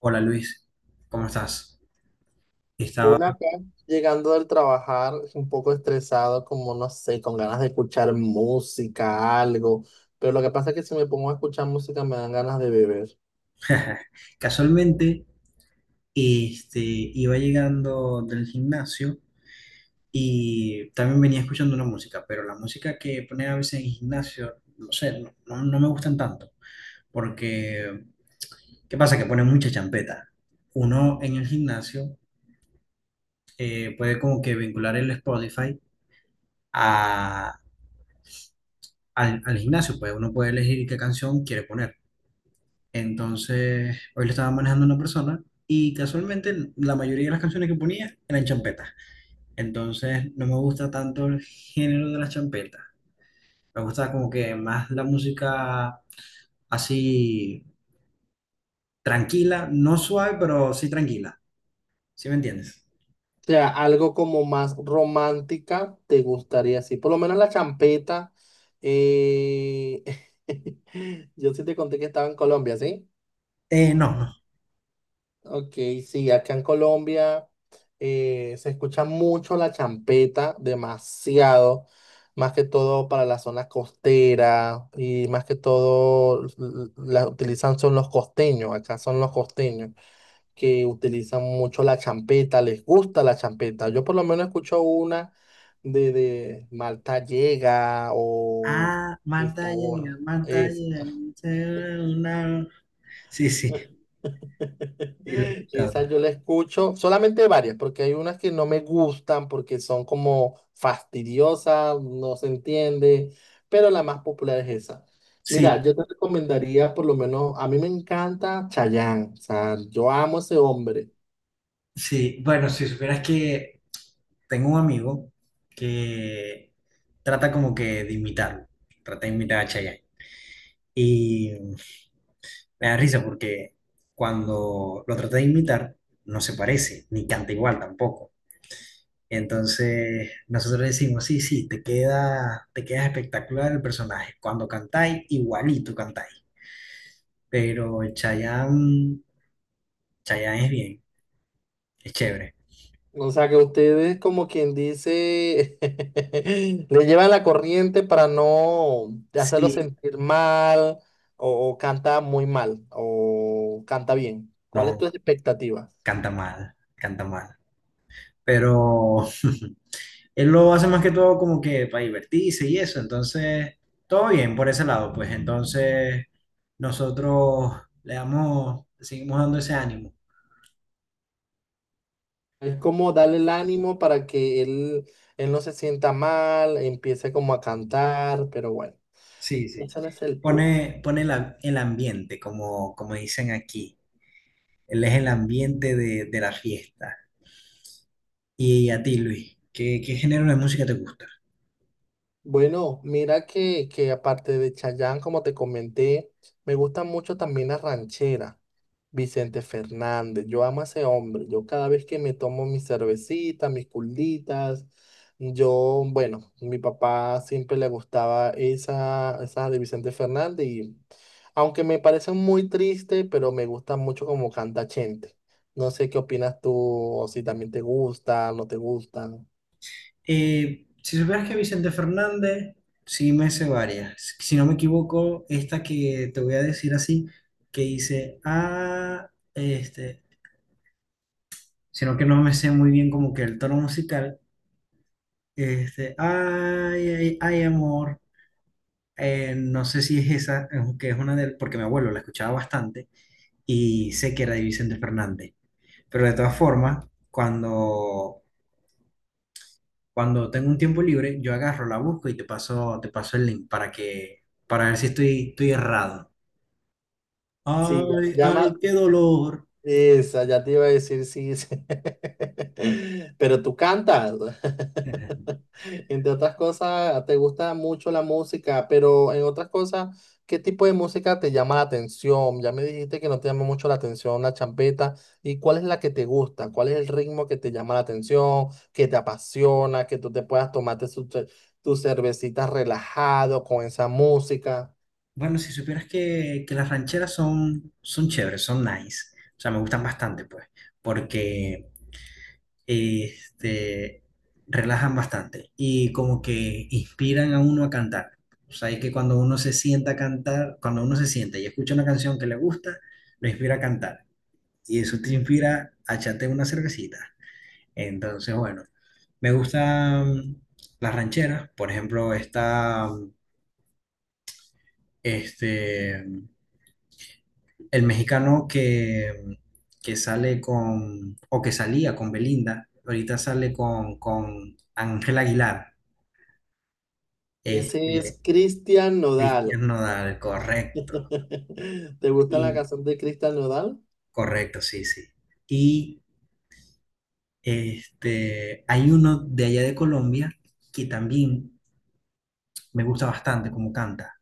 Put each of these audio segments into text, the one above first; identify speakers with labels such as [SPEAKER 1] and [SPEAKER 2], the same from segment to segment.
[SPEAKER 1] Hola Luis, ¿cómo estás? Estaba
[SPEAKER 2] Uno acá, llegando del trabajar, un poco estresado, como no sé, con ganas de escuchar música, algo. Pero lo que pasa es que si me pongo a escuchar música me dan ganas de beber.
[SPEAKER 1] casualmente, iba llegando del gimnasio y también venía escuchando una música, pero la música que ponen a veces en el gimnasio, no sé, no me gustan tanto, porque ¿qué pasa? Que ponen mucha champeta. Uno en el gimnasio puede como que vincular el Spotify a, al gimnasio, pues uno puede elegir qué canción quiere poner. Entonces, hoy lo estaba manejando una persona y casualmente la mayoría de las canciones que ponía eran champetas. Entonces, no me gusta tanto el género de las champetas. Me gusta como que más la música así tranquila, no suave, pero sí tranquila. ¿Sí me entiendes?
[SPEAKER 2] O sea, algo como más romántica te gustaría, sí. Por lo menos la champeta. eh, Yo sí te conté que estaba en Colombia, ¿sí?
[SPEAKER 1] No, no.
[SPEAKER 2] Ok, sí, acá en Colombia se escucha mucho la champeta, demasiado, más que todo para la zona costera y más que todo la utilizan son los costeños, acá son los costeños que utilizan mucho la champeta, les gusta la champeta. Yo por lo menos escucho una de Malta Llega o
[SPEAKER 1] Ah,
[SPEAKER 2] esta
[SPEAKER 1] Marta llega,
[SPEAKER 2] borra,
[SPEAKER 1] Marta llega. Una. Sí, sí, sí, lo he
[SPEAKER 2] esa
[SPEAKER 1] escuchado.
[SPEAKER 2] yo la escucho, solamente varias, porque hay unas que no me gustan porque son como fastidiosas, no se entiende, pero la más popular es esa. Mira,
[SPEAKER 1] Sí,
[SPEAKER 2] yo te recomendaría por lo menos, a mí me encanta Chayanne, o sea, yo amo a ese hombre.
[SPEAKER 1] sí, bueno, si supieras que tengo un amigo que trata como que de imitarlo, trata de imitar a Chayanne. Y me da risa porque cuando lo trata de imitar, no se parece, ni canta igual tampoco. Entonces nosotros decimos, sí, sí, te queda espectacular el personaje. Cuando cantáis, igualito cantáis. Pero Chayanne, Chayanne es bien, es chévere.
[SPEAKER 2] O sea, que ustedes como quien dice, le llevan la corriente para no hacerlo
[SPEAKER 1] Sí,
[SPEAKER 2] sentir mal o, canta muy mal o canta bien. ¿Cuál es tu
[SPEAKER 1] no,
[SPEAKER 2] expectativa?
[SPEAKER 1] canta mal, canta mal, pero él lo hace más que todo como que para divertirse y eso, entonces todo bien por ese lado, pues entonces nosotros le damos, le seguimos dando ese ánimo,
[SPEAKER 2] Es como darle el ánimo para que él no se sienta mal, empiece como a cantar, pero bueno,
[SPEAKER 1] sí, sí,
[SPEAKER 2] ese no es el punto.
[SPEAKER 1] pone el ambiente, como, como dicen aquí, él es el ambiente de la fiesta. Y a ti, Luis, ¿qué, qué género de música te gusta?
[SPEAKER 2] Bueno, mira que aparte de Chayanne, como te comenté, me gustan mucho también las rancheras. Vicente Fernández, yo amo a ese hombre. Yo cada vez que me tomo mi cervecita, mis culditas, yo, bueno, mi papá siempre le gustaba esa de Vicente Fernández y aunque me parece muy triste, pero me gusta mucho como canta Chente. No sé qué opinas tú, o si también te gusta, no te gusta.
[SPEAKER 1] Si supieras que Vicente Fernández, sí me sé varias. Si no me equivoco, esta que te voy a decir así, que dice, ah, sino que no me sé muy bien como que el tono musical, ay, ay, ay, amor. No sé si es esa, que es una del, porque mi abuelo la escuchaba bastante y sé que era de Vicente Fernández. Pero de todas formas, cuando cuando tengo un tiempo libre, yo agarro, la busco y te paso el link para que, para ver si estoy, estoy errado.
[SPEAKER 2] Sí, ya,
[SPEAKER 1] Ay,
[SPEAKER 2] llama.
[SPEAKER 1] ay, qué dolor.
[SPEAKER 2] Esa, ya te iba a decir sí. Sí. Pero tú cantas. Entre otras cosas, te gusta mucho la música, pero en otras cosas, ¿qué tipo de música te llama la atención? Ya me dijiste que no te llama mucho la atención la champeta. ¿Y cuál es la que te gusta? ¿Cuál es el ritmo que te llama la atención, que te apasiona, que tú te puedas tomarte su tus cervecitas relajado con esa música?
[SPEAKER 1] Bueno, si supieras que las rancheras son, son chéveres, son nice. O sea, me gustan bastante, pues, porque este, relajan bastante y como que inspiran a uno a cantar. O sea, es que cuando uno se sienta a cantar, cuando uno se sienta y escucha una canción que le gusta, lo inspira a cantar. Y eso te inspira a echarte una cervecita. Entonces, bueno, me gustan las rancheras, por ejemplo, está este, el mexicano que, que sale con, o que salía con Belinda, ahorita sale con Ángel Aguilar,
[SPEAKER 2] Ese
[SPEAKER 1] este,
[SPEAKER 2] es Cristian Nodal.
[SPEAKER 1] Cristian Nodal, correcto,
[SPEAKER 2] ¿Te gusta la
[SPEAKER 1] y
[SPEAKER 2] canción de Cristian Nodal?
[SPEAKER 1] correcto, sí, sí. Y este, hay uno de allá de Colombia que también me gusta bastante como canta,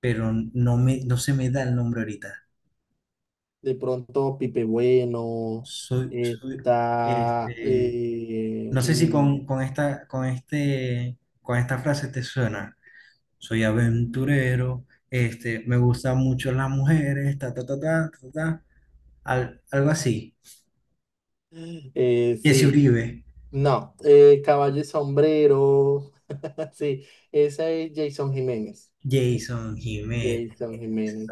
[SPEAKER 1] pero no me, no se me da el nombre ahorita.
[SPEAKER 2] De pronto Pipe Bueno,
[SPEAKER 1] Soy,
[SPEAKER 2] está...
[SPEAKER 1] este, no sé si con, con esta, con este, con esta frase te suena. Soy aventurero, me gustan mucho las mujeres, ta, ta, ta, ta, ta, ta, algo así. Jesse
[SPEAKER 2] sí,
[SPEAKER 1] Uribe,
[SPEAKER 2] no, Caballo y Sombrero, sí, esa es Jason Jiménez. Es
[SPEAKER 1] Jason Jiménez,
[SPEAKER 2] Jason Jiménez.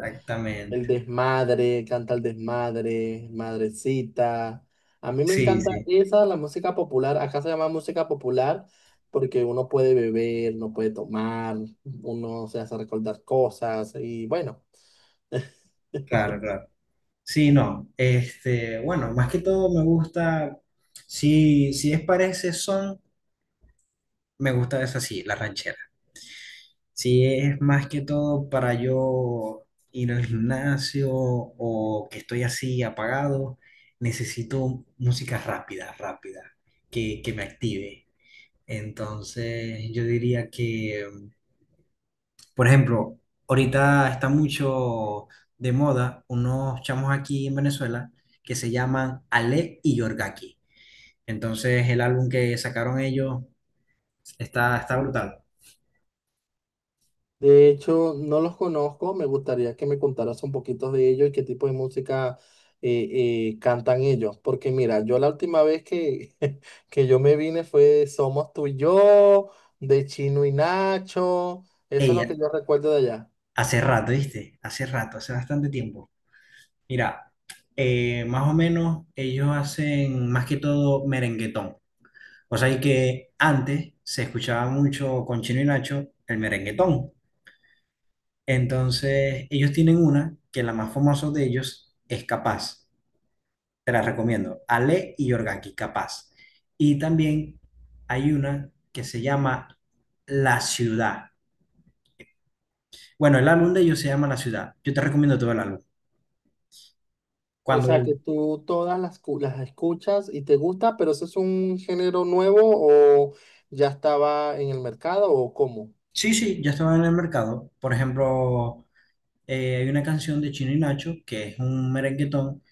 [SPEAKER 2] El desmadre, canta el desmadre, madrecita. A mí me
[SPEAKER 1] Sí,
[SPEAKER 2] encanta
[SPEAKER 1] sí,
[SPEAKER 2] esa, la música popular. Acá se llama música popular porque uno puede beber, no puede tomar, uno se hace recordar cosas y bueno.
[SPEAKER 1] claro, claro. Sí, no, bueno, más que todo me gusta, si, si es parece son. Me gusta eso así, la ranchera. Si es más que todo para yo ir al gimnasio o que estoy así apagado, necesito música rápida, rápida, que me active. Entonces, yo diría que, por ejemplo, ahorita está mucho de moda unos chamos aquí en Venezuela que se llaman Ale y Yorgaki. Entonces, el álbum que sacaron ellos está, está brutal.
[SPEAKER 2] De hecho, no los conozco, me gustaría que me contaras un poquito de ellos y qué tipo de música cantan ellos, porque mira, yo la última vez que, que yo me vine fue de Somos tú y yo, de Chino y Nacho, eso es lo
[SPEAKER 1] Ella,
[SPEAKER 2] que yo recuerdo de allá.
[SPEAKER 1] hace rato, ¿viste? Hace rato, hace bastante tiempo. Mira, más o menos ellos hacen más que todo merenguetón. O sea, y que antes se escuchaba mucho con Chino y Nacho el merenguetón. Entonces, ellos tienen una que la más famosa de ellos es Capaz. Te la recomiendo. Ale y Yorgaki, Capaz. Y también hay una que se llama La Ciudad. Bueno, el álbum de ellos se llama La Ciudad. Yo te recomiendo todo el álbum.
[SPEAKER 2] O sea
[SPEAKER 1] Cuando
[SPEAKER 2] que tú todas las, las escuchas y te gusta, pero eso es un género nuevo o ya estaba en el mercado o cómo.
[SPEAKER 1] sí, sí, ya estaba en el mercado. Por ejemplo, hay una canción de Chino y Nacho que es un merenguetón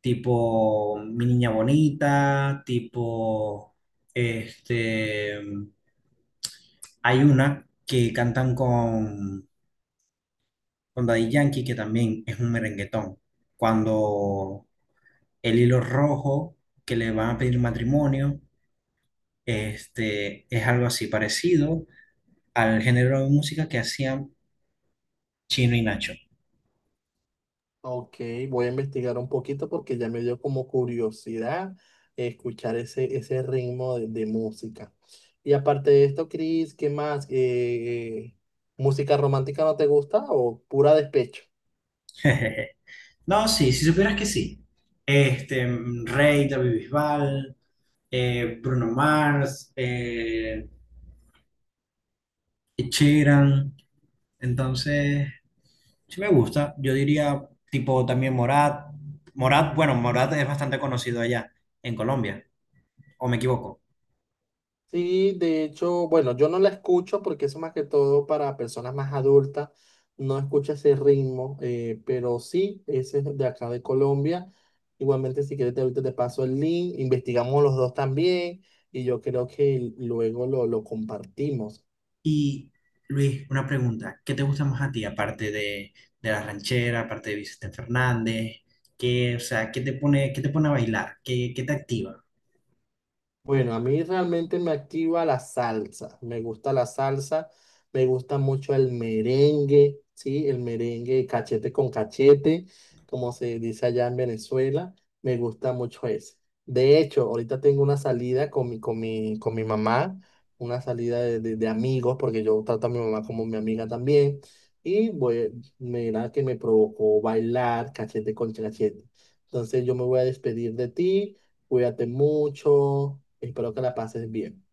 [SPEAKER 1] tipo Mi Niña Bonita, este, hay una que cantan con Daddy Yankee que también es un merenguetón. Cuando el hilo rojo que le van a pedir matrimonio, es algo así parecido al género de música que hacían Chino y Nacho.
[SPEAKER 2] Ok, voy a investigar un poquito porque ya me dio como curiosidad escuchar ese ritmo de música. Y aparte de esto, Chris, ¿qué más? ¿Música romántica no te gusta o pura despecho?
[SPEAKER 1] No, sí, si supieras que sí. Este, Rey, David Bisbal, Bruno Mars, Ed Sheeran. Entonces, sí me gusta. Yo diría, tipo, también Morat. Morat, bueno, Morat es bastante conocido allá, en Colombia, o me equivoco.
[SPEAKER 2] Sí, de hecho, bueno, yo no la escucho porque eso más que todo para personas más adultas, no escucha ese ritmo, pero sí, ese es de acá de Colombia. Igualmente, si quieres, te, ahorita te paso el link, investigamos los dos también y yo creo que luego lo compartimos.
[SPEAKER 1] Y, Luis, una pregunta. ¿Qué te gusta más a ti, aparte de la ranchera, aparte de Vicente Fernández? ¿Qué, o sea, qué te pone a bailar? ¿Qué, qué te activa?
[SPEAKER 2] Bueno, a mí realmente me activa la salsa. Me gusta la salsa, me gusta mucho el merengue, ¿sí? El merengue cachete con cachete, como se dice allá en Venezuela. Me gusta mucho ese. De hecho, ahorita tengo una salida con mi mamá, una salida de, de amigos, porque yo trato a mi mamá como mi amiga también. Y voy, mira que me provocó bailar cachete con cachete. Entonces yo me voy a despedir de ti. Cuídate mucho. Espero que la pases bien.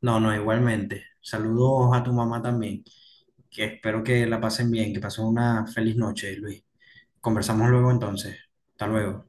[SPEAKER 1] No, no, igualmente. Saludos a tu mamá también, que espero que la pasen bien, que pasen una feliz noche, Luis. Conversamos luego entonces. Hasta luego.